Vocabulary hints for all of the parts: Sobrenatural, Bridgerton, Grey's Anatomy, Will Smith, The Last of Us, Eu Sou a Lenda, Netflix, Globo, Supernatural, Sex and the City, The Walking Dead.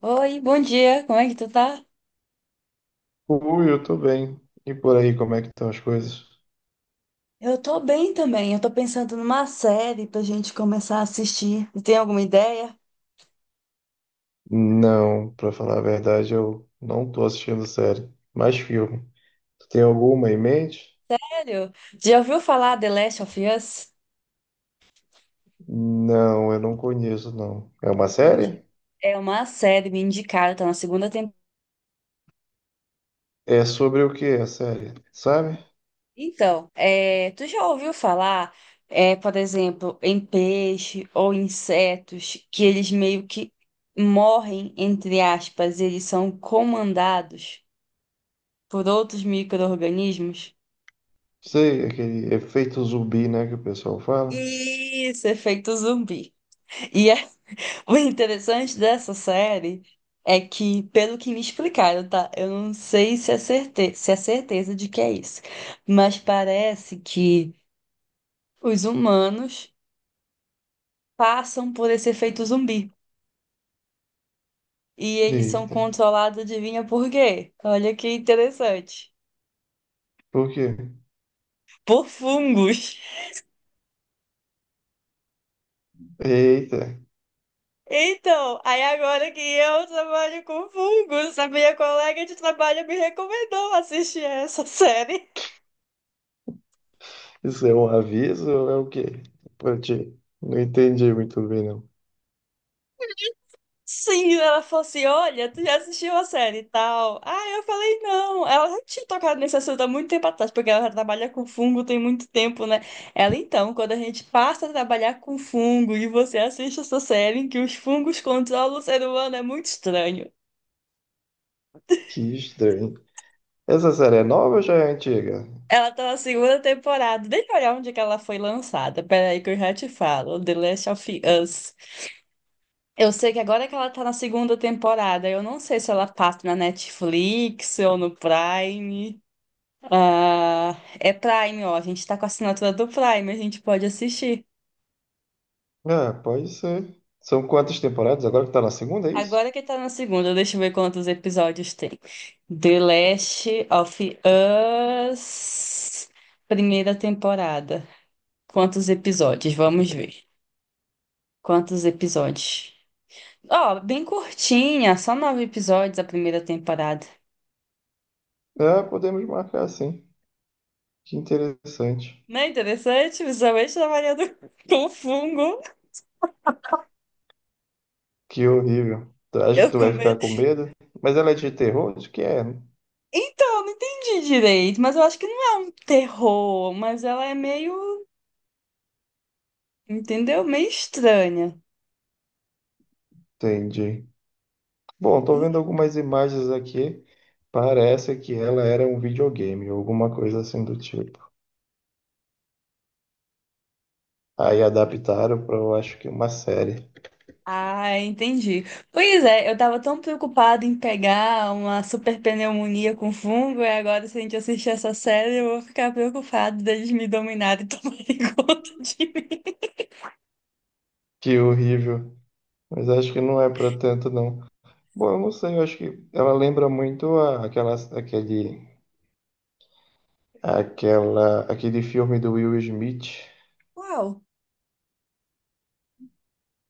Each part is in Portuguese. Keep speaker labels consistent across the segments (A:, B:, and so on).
A: Oi, bom dia, como é que tu tá?
B: Ui, eu tô bem. E por aí, como é que estão as coisas?
A: Eu tô bem também. Eu tô pensando numa série pra gente começar a assistir. Você tem alguma ideia?
B: Não, pra falar a verdade, eu não tô assistindo série, mas filme. Tu tem alguma em mente?
A: Sério? Já ouviu falar The Last of Us?
B: Não, eu não conheço, não. É uma
A: Me indica.
B: série?
A: É uma série me indicaram, tá na segunda temporada.
B: É sobre o que a série, sabe?
A: Então, é, tu já ouviu falar, é, por exemplo, em peixe ou insetos que eles meio que morrem, entre aspas, eles são comandados por outros micro-organismos?
B: Sei, aquele efeito zumbi, né, que o pessoal fala.
A: Isso, efeito zumbi. E O interessante dessa série é que, pelo que me explicaram, tá? Eu não sei se se é certeza de que é isso, mas parece que os humanos passam por esse efeito zumbi e eles são
B: Eita,
A: controlados, adivinha por quê? Olha que interessante.
B: por quê?
A: Por fungos.
B: Eita,
A: Então, aí agora que eu trabalho com fungos, a minha colega de trabalho me recomendou assistir essa série.
B: isso é um aviso ou é o quê? Pra ti? Não entendi muito bem, não.
A: Sim, ela falou assim: Olha, tu já assistiu a série e tal. Ah, eu falei: Não. Ela já tinha tocado nesse assunto há muito tempo atrás, porque ela já trabalha com fungo tem muito tempo, né? Ela, então, quando a gente passa a trabalhar com fungo e você assiste essa série em que os fungos controlam o ser humano, é muito estranho.
B: Que estranho. Essa série é nova ou já é antiga?
A: Ela tá na segunda temporada. Deixa eu olhar onde é que ela foi lançada. Peraí, que eu já te falo: The Last of Us. Eu sei que agora que ela tá na segunda temporada, eu não sei se ela passa na Netflix ou no Prime. Ah, é Prime, ó. A gente tá com a assinatura do Prime, a gente pode assistir.
B: É, pode ser. São quantas temporadas? Agora que tá na segunda, é isso?
A: Agora que tá na segunda, deixa eu ver quantos episódios tem. The Last of Us, primeira temporada. Quantos episódios? Vamos ver. Quantos episódios? Ó, bem curtinha, só nove episódios a primeira temporada.
B: É, podemos marcar sim. Que interessante.
A: Não é interessante? Visualmente trabalhando com fungo.
B: Que horrível. Tu acha que
A: Eu
B: tu
A: com
B: vai ficar
A: medo.
B: com medo? Mas ela é de terror? De que é?
A: Então, não entendi direito, mas eu acho que não é um terror, mas ela é meio, entendeu? Meio estranha.
B: Entendi. Bom, tô
A: En-
B: vendo algumas imagens aqui. Parece que ela era um videogame, alguma coisa assim do tipo. Aí adaptaram para eu acho que uma série.
A: Ah, entendi. Pois é, eu tava tão preocupada em pegar uma super pneumonia com fungo, e agora se a gente assistir essa série, eu vou ficar preocupada deles me dominarem e tomarem conta de mim.
B: Que horrível. Mas acho que não é para tanto, não. Bom, eu não sei, eu acho que ela lembra muito a, aquela, aquele Aquela, aquele filme do Will Smith,
A: Uau!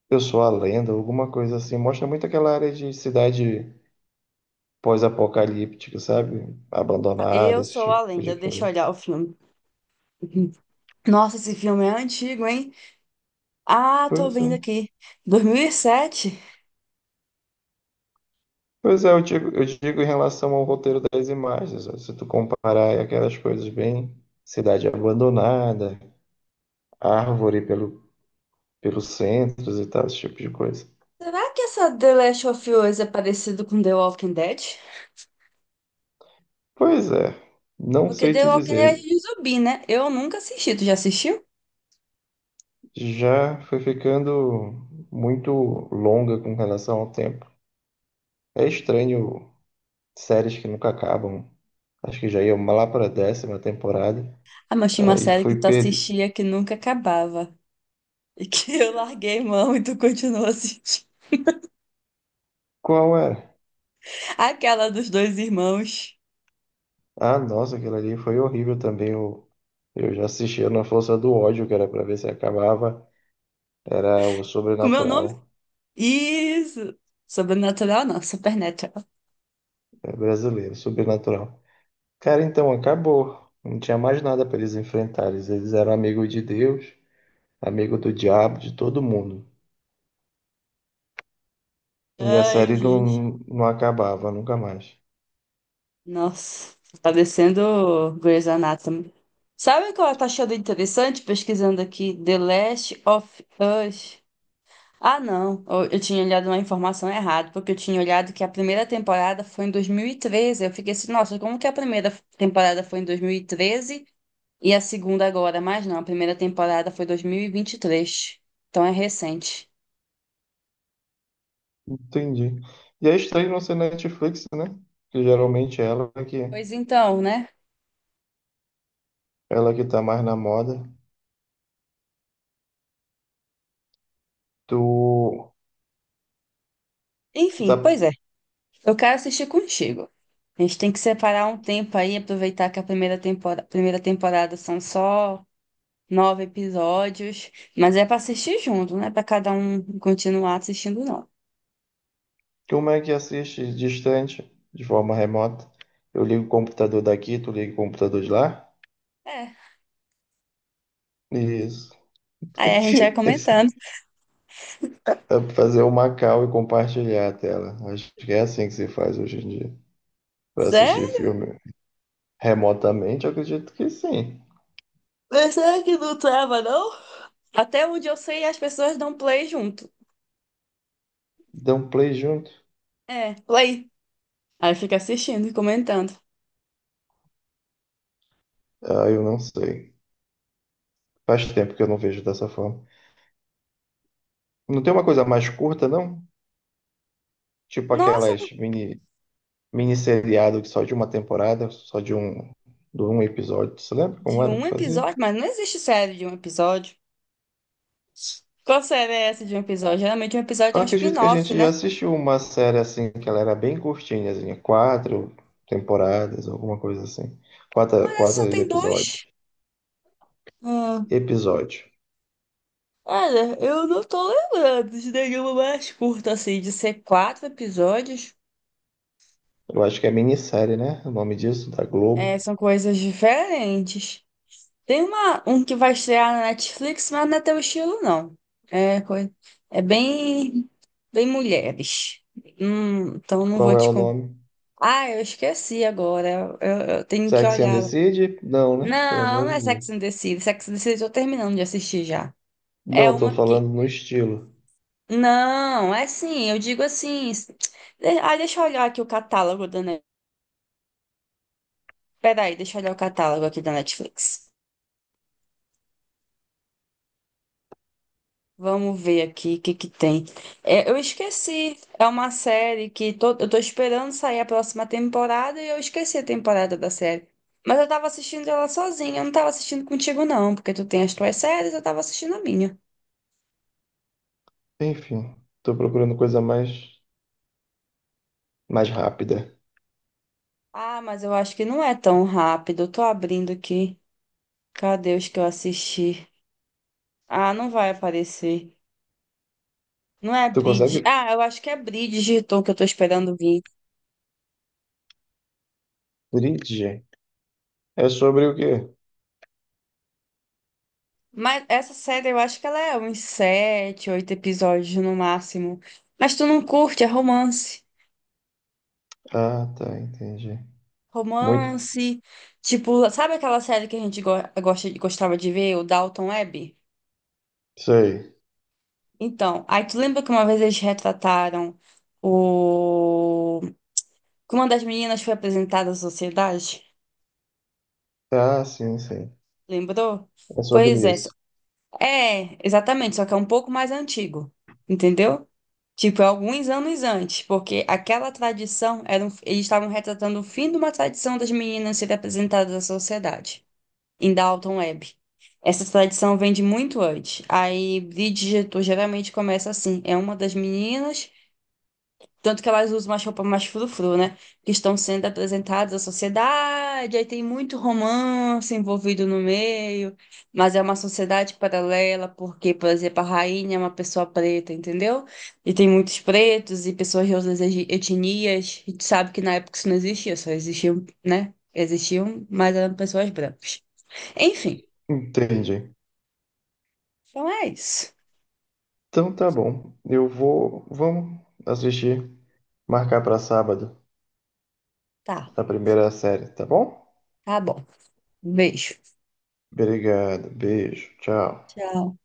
B: Eu Sou a Lenda, alguma coisa assim, mostra muito aquela área de cidade pós-apocalíptica, sabe? Abandonada,
A: Eu
B: esse
A: sou
B: tipo
A: a
B: de
A: lenda, deixa eu
B: coisa.
A: olhar o filme. Uhum. Nossa, esse filme é antigo, hein? Ah, tô
B: Pois é.
A: vendo aqui. 2007?
B: Pois é, eu digo em relação ao roteiro das imagens, ó, se tu comparar aí aquelas coisas bem cidade abandonada, árvore pelos centros e tal, esse tipo de coisa.
A: Será que essa The Last of Us é parecido com The Walking Dead?
B: Pois é, não
A: Porque
B: sei
A: The
B: te
A: Walking Dead é
B: dizer,
A: de zumbi, né? Eu nunca assisti. Tu já assistiu?
B: já foi ficando muito longa com relação ao tempo. É estranho séries que nunca acabam. Acho que já ia lá para a décima temporada.
A: Ah, mas tinha uma
B: Aí
A: série que
B: fui
A: tu
B: perder.
A: assistia que nunca acabava. E que eu larguei mão e tu continuou assistindo.
B: Qual era?
A: Aquela dos dois irmãos.
B: Ah, nossa, aquilo ali foi horrível também. Eu já assistia na Força do Ódio, que era para ver se acabava. Era o
A: Com meu nome?
B: Sobrenatural.
A: Isso! Sobrenatural não, Supernatural.
B: É brasileiro, Sobrenatural. Cara, então acabou. Não tinha mais nada para eles enfrentarem. Eles eram amigos de Deus, amigo do diabo, de todo mundo. E a
A: Ai,
B: série
A: gente.
B: não acabava nunca mais.
A: Nossa, tá parecendo Grey's Anatomy. Sabe o que ela tá achando interessante pesquisando aqui? The Last of Us. Ah, não. Eu tinha olhado uma informação errada, porque eu tinha olhado que a primeira temporada foi em 2013. Eu fiquei assim, nossa, como que a primeira temporada foi em 2013 e treze e a segunda agora? Mas não, a primeira temporada foi 2023. Então é recente.
B: Entendi. E é estranho não ser Netflix, né? Porque geralmente é ela que,
A: Pois então, né?
B: ela que tá mais na moda. Tu, tu tá,
A: Enfim, pois é. Eu quero assistir contigo. A gente tem que separar um tempo aí, aproveitar que a primeira temporada são só nove episódios, mas é para assistir junto, não é para cada um continuar assistindo, não.
B: como é que assiste distante, de forma remota? Eu ligo o computador daqui, tu liga o computador de lá?
A: É.
B: Isso.
A: Aí a gente vai comentando.
B: Dá pra fazer uma call e compartilhar a tela. Acho que é assim que se faz hoje em dia. Para assistir
A: Sério?
B: filme remotamente, eu acredito que sim.
A: Mas será que não trava, não? Até onde eu sei, as pessoas dão play junto.
B: Dá um play junto.
A: É, play. Aí fica assistindo e comentando.
B: Ah, eu não sei. Faz tempo que eu não vejo dessa forma. Não tem uma coisa mais curta, não? Tipo
A: Nossa,
B: aquelas mini seriado que só de uma temporada, só de um episódio. Você lembra como
A: de
B: era
A: um
B: que fazia?
A: episódio? Mas não existe série de um episódio. Qual série é essa de um episódio? Geralmente um episódio
B: Eu
A: é um
B: acredito que a
A: spin-off,
B: gente já
A: né?
B: assistiu uma série assim, que ela era bem curtinha, assim, quatro temporadas, alguma coisa assim. Quatro,
A: Mas essa
B: quatro
A: só tem dois.
B: episódios.
A: Ah,
B: Episódio.
A: olha, eu não tô lembrando de nenhuma mais curta, assim, de ser quatro episódios.
B: Eu acho que é minissérie, né? O nome disso, da
A: É,
B: Globo.
A: são coisas diferentes. Tem uma, um que vai estrear na Netflix, mas não é teu estilo, não. É, coi- é bem, bem mulheres. Então não
B: Qual
A: vou
B: é
A: te
B: o
A: contar.
B: nome?
A: Ah, eu esqueci agora. Eu tenho que
B: Sex and the
A: olhar lá.
B: City? Não, né? Pelo
A: Não,
B: amor
A: não
B: de
A: é
B: Deus.
A: Sex and the City. Sex and the City eu tô terminando de assistir já. É
B: Não, tô
A: uma que.
B: falando no estilo.
A: Não, é sim, eu digo assim. Ah, deixa eu olhar aqui o catálogo da. Peraí, deixa eu olhar o catálogo aqui da Netflix. Vamos ver aqui o que que tem. É, eu esqueci. É uma série que eu tô esperando sair a próxima temporada e eu esqueci a temporada da série. Mas eu tava assistindo ela sozinha, eu não tava assistindo contigo, não, porque tu tem as tuas séries, eu tava assistindo a minha.
B: Enfim, tô procurando coisa mais rápida.
A: Ah, mas eu acho que não é tão rápido. Eu tô abrindo aqui. Cadê os que eu assisti? Ah, não vai aparecer. Não é
B: Tu
A: Bridge.
B: consegue?
A: Ah, eu acho que é Bridgerton que eu tô esperando vir.
B: Bridge? É sobre o quê?
A: Mas essa série eu acho que ela é uns sete, oito episódios no máximo. Mas tu não curte, é romance.
B: Ah, tá, entendi. Muito.
A: Romance. Tipo, sabe aquela série que a gente gostava de ver, o Dalton Webb?
B: Sei.
A: Então, aí tu lembra que uma vez eles retrataram o... que uma das meninas foi apresentada à sociedade?
B: Ah, sim, sim.
A: Lembrou?
B: É sobre
A: Pois é,
B: isso.
A: é, exatamente, só que é um pouco mais antigo, entendeu? Tipo, é alguns anos antes, porque aquela tradição eles estavam retratando o fim de uma tradição das meninas serem apresentadas à sociedade, em Dalton Webb. Essa tradição vem de muito antes. Aí, Bridgerton geralmente começa assim: é uma das meninas tanto que elas usam uma roupa mais frufru, né? Que estão sendo apresentadas à sociedade, aí tem muito romance envolvido no meio, mas é uma sociedade paralela, porque, por exemplo, a rainha é uma pessoa preta, entendeu? E tem muitos pretos e pessoas de outras etnias, e tu sabe que na época isso não existia, só existiam, né? Existiam, mas eram pessoas brancas. Enfim,
B: Entendi.
A: então é isso.
B: Então tá bom. Eu vou. Vamos assistir. Marcar pra sábado
A: Tá,
B: a primeira série, tá bom?
A: tá bom. Beijo.
B: Obrigado. Beijo. Tchau.
A: Tchau.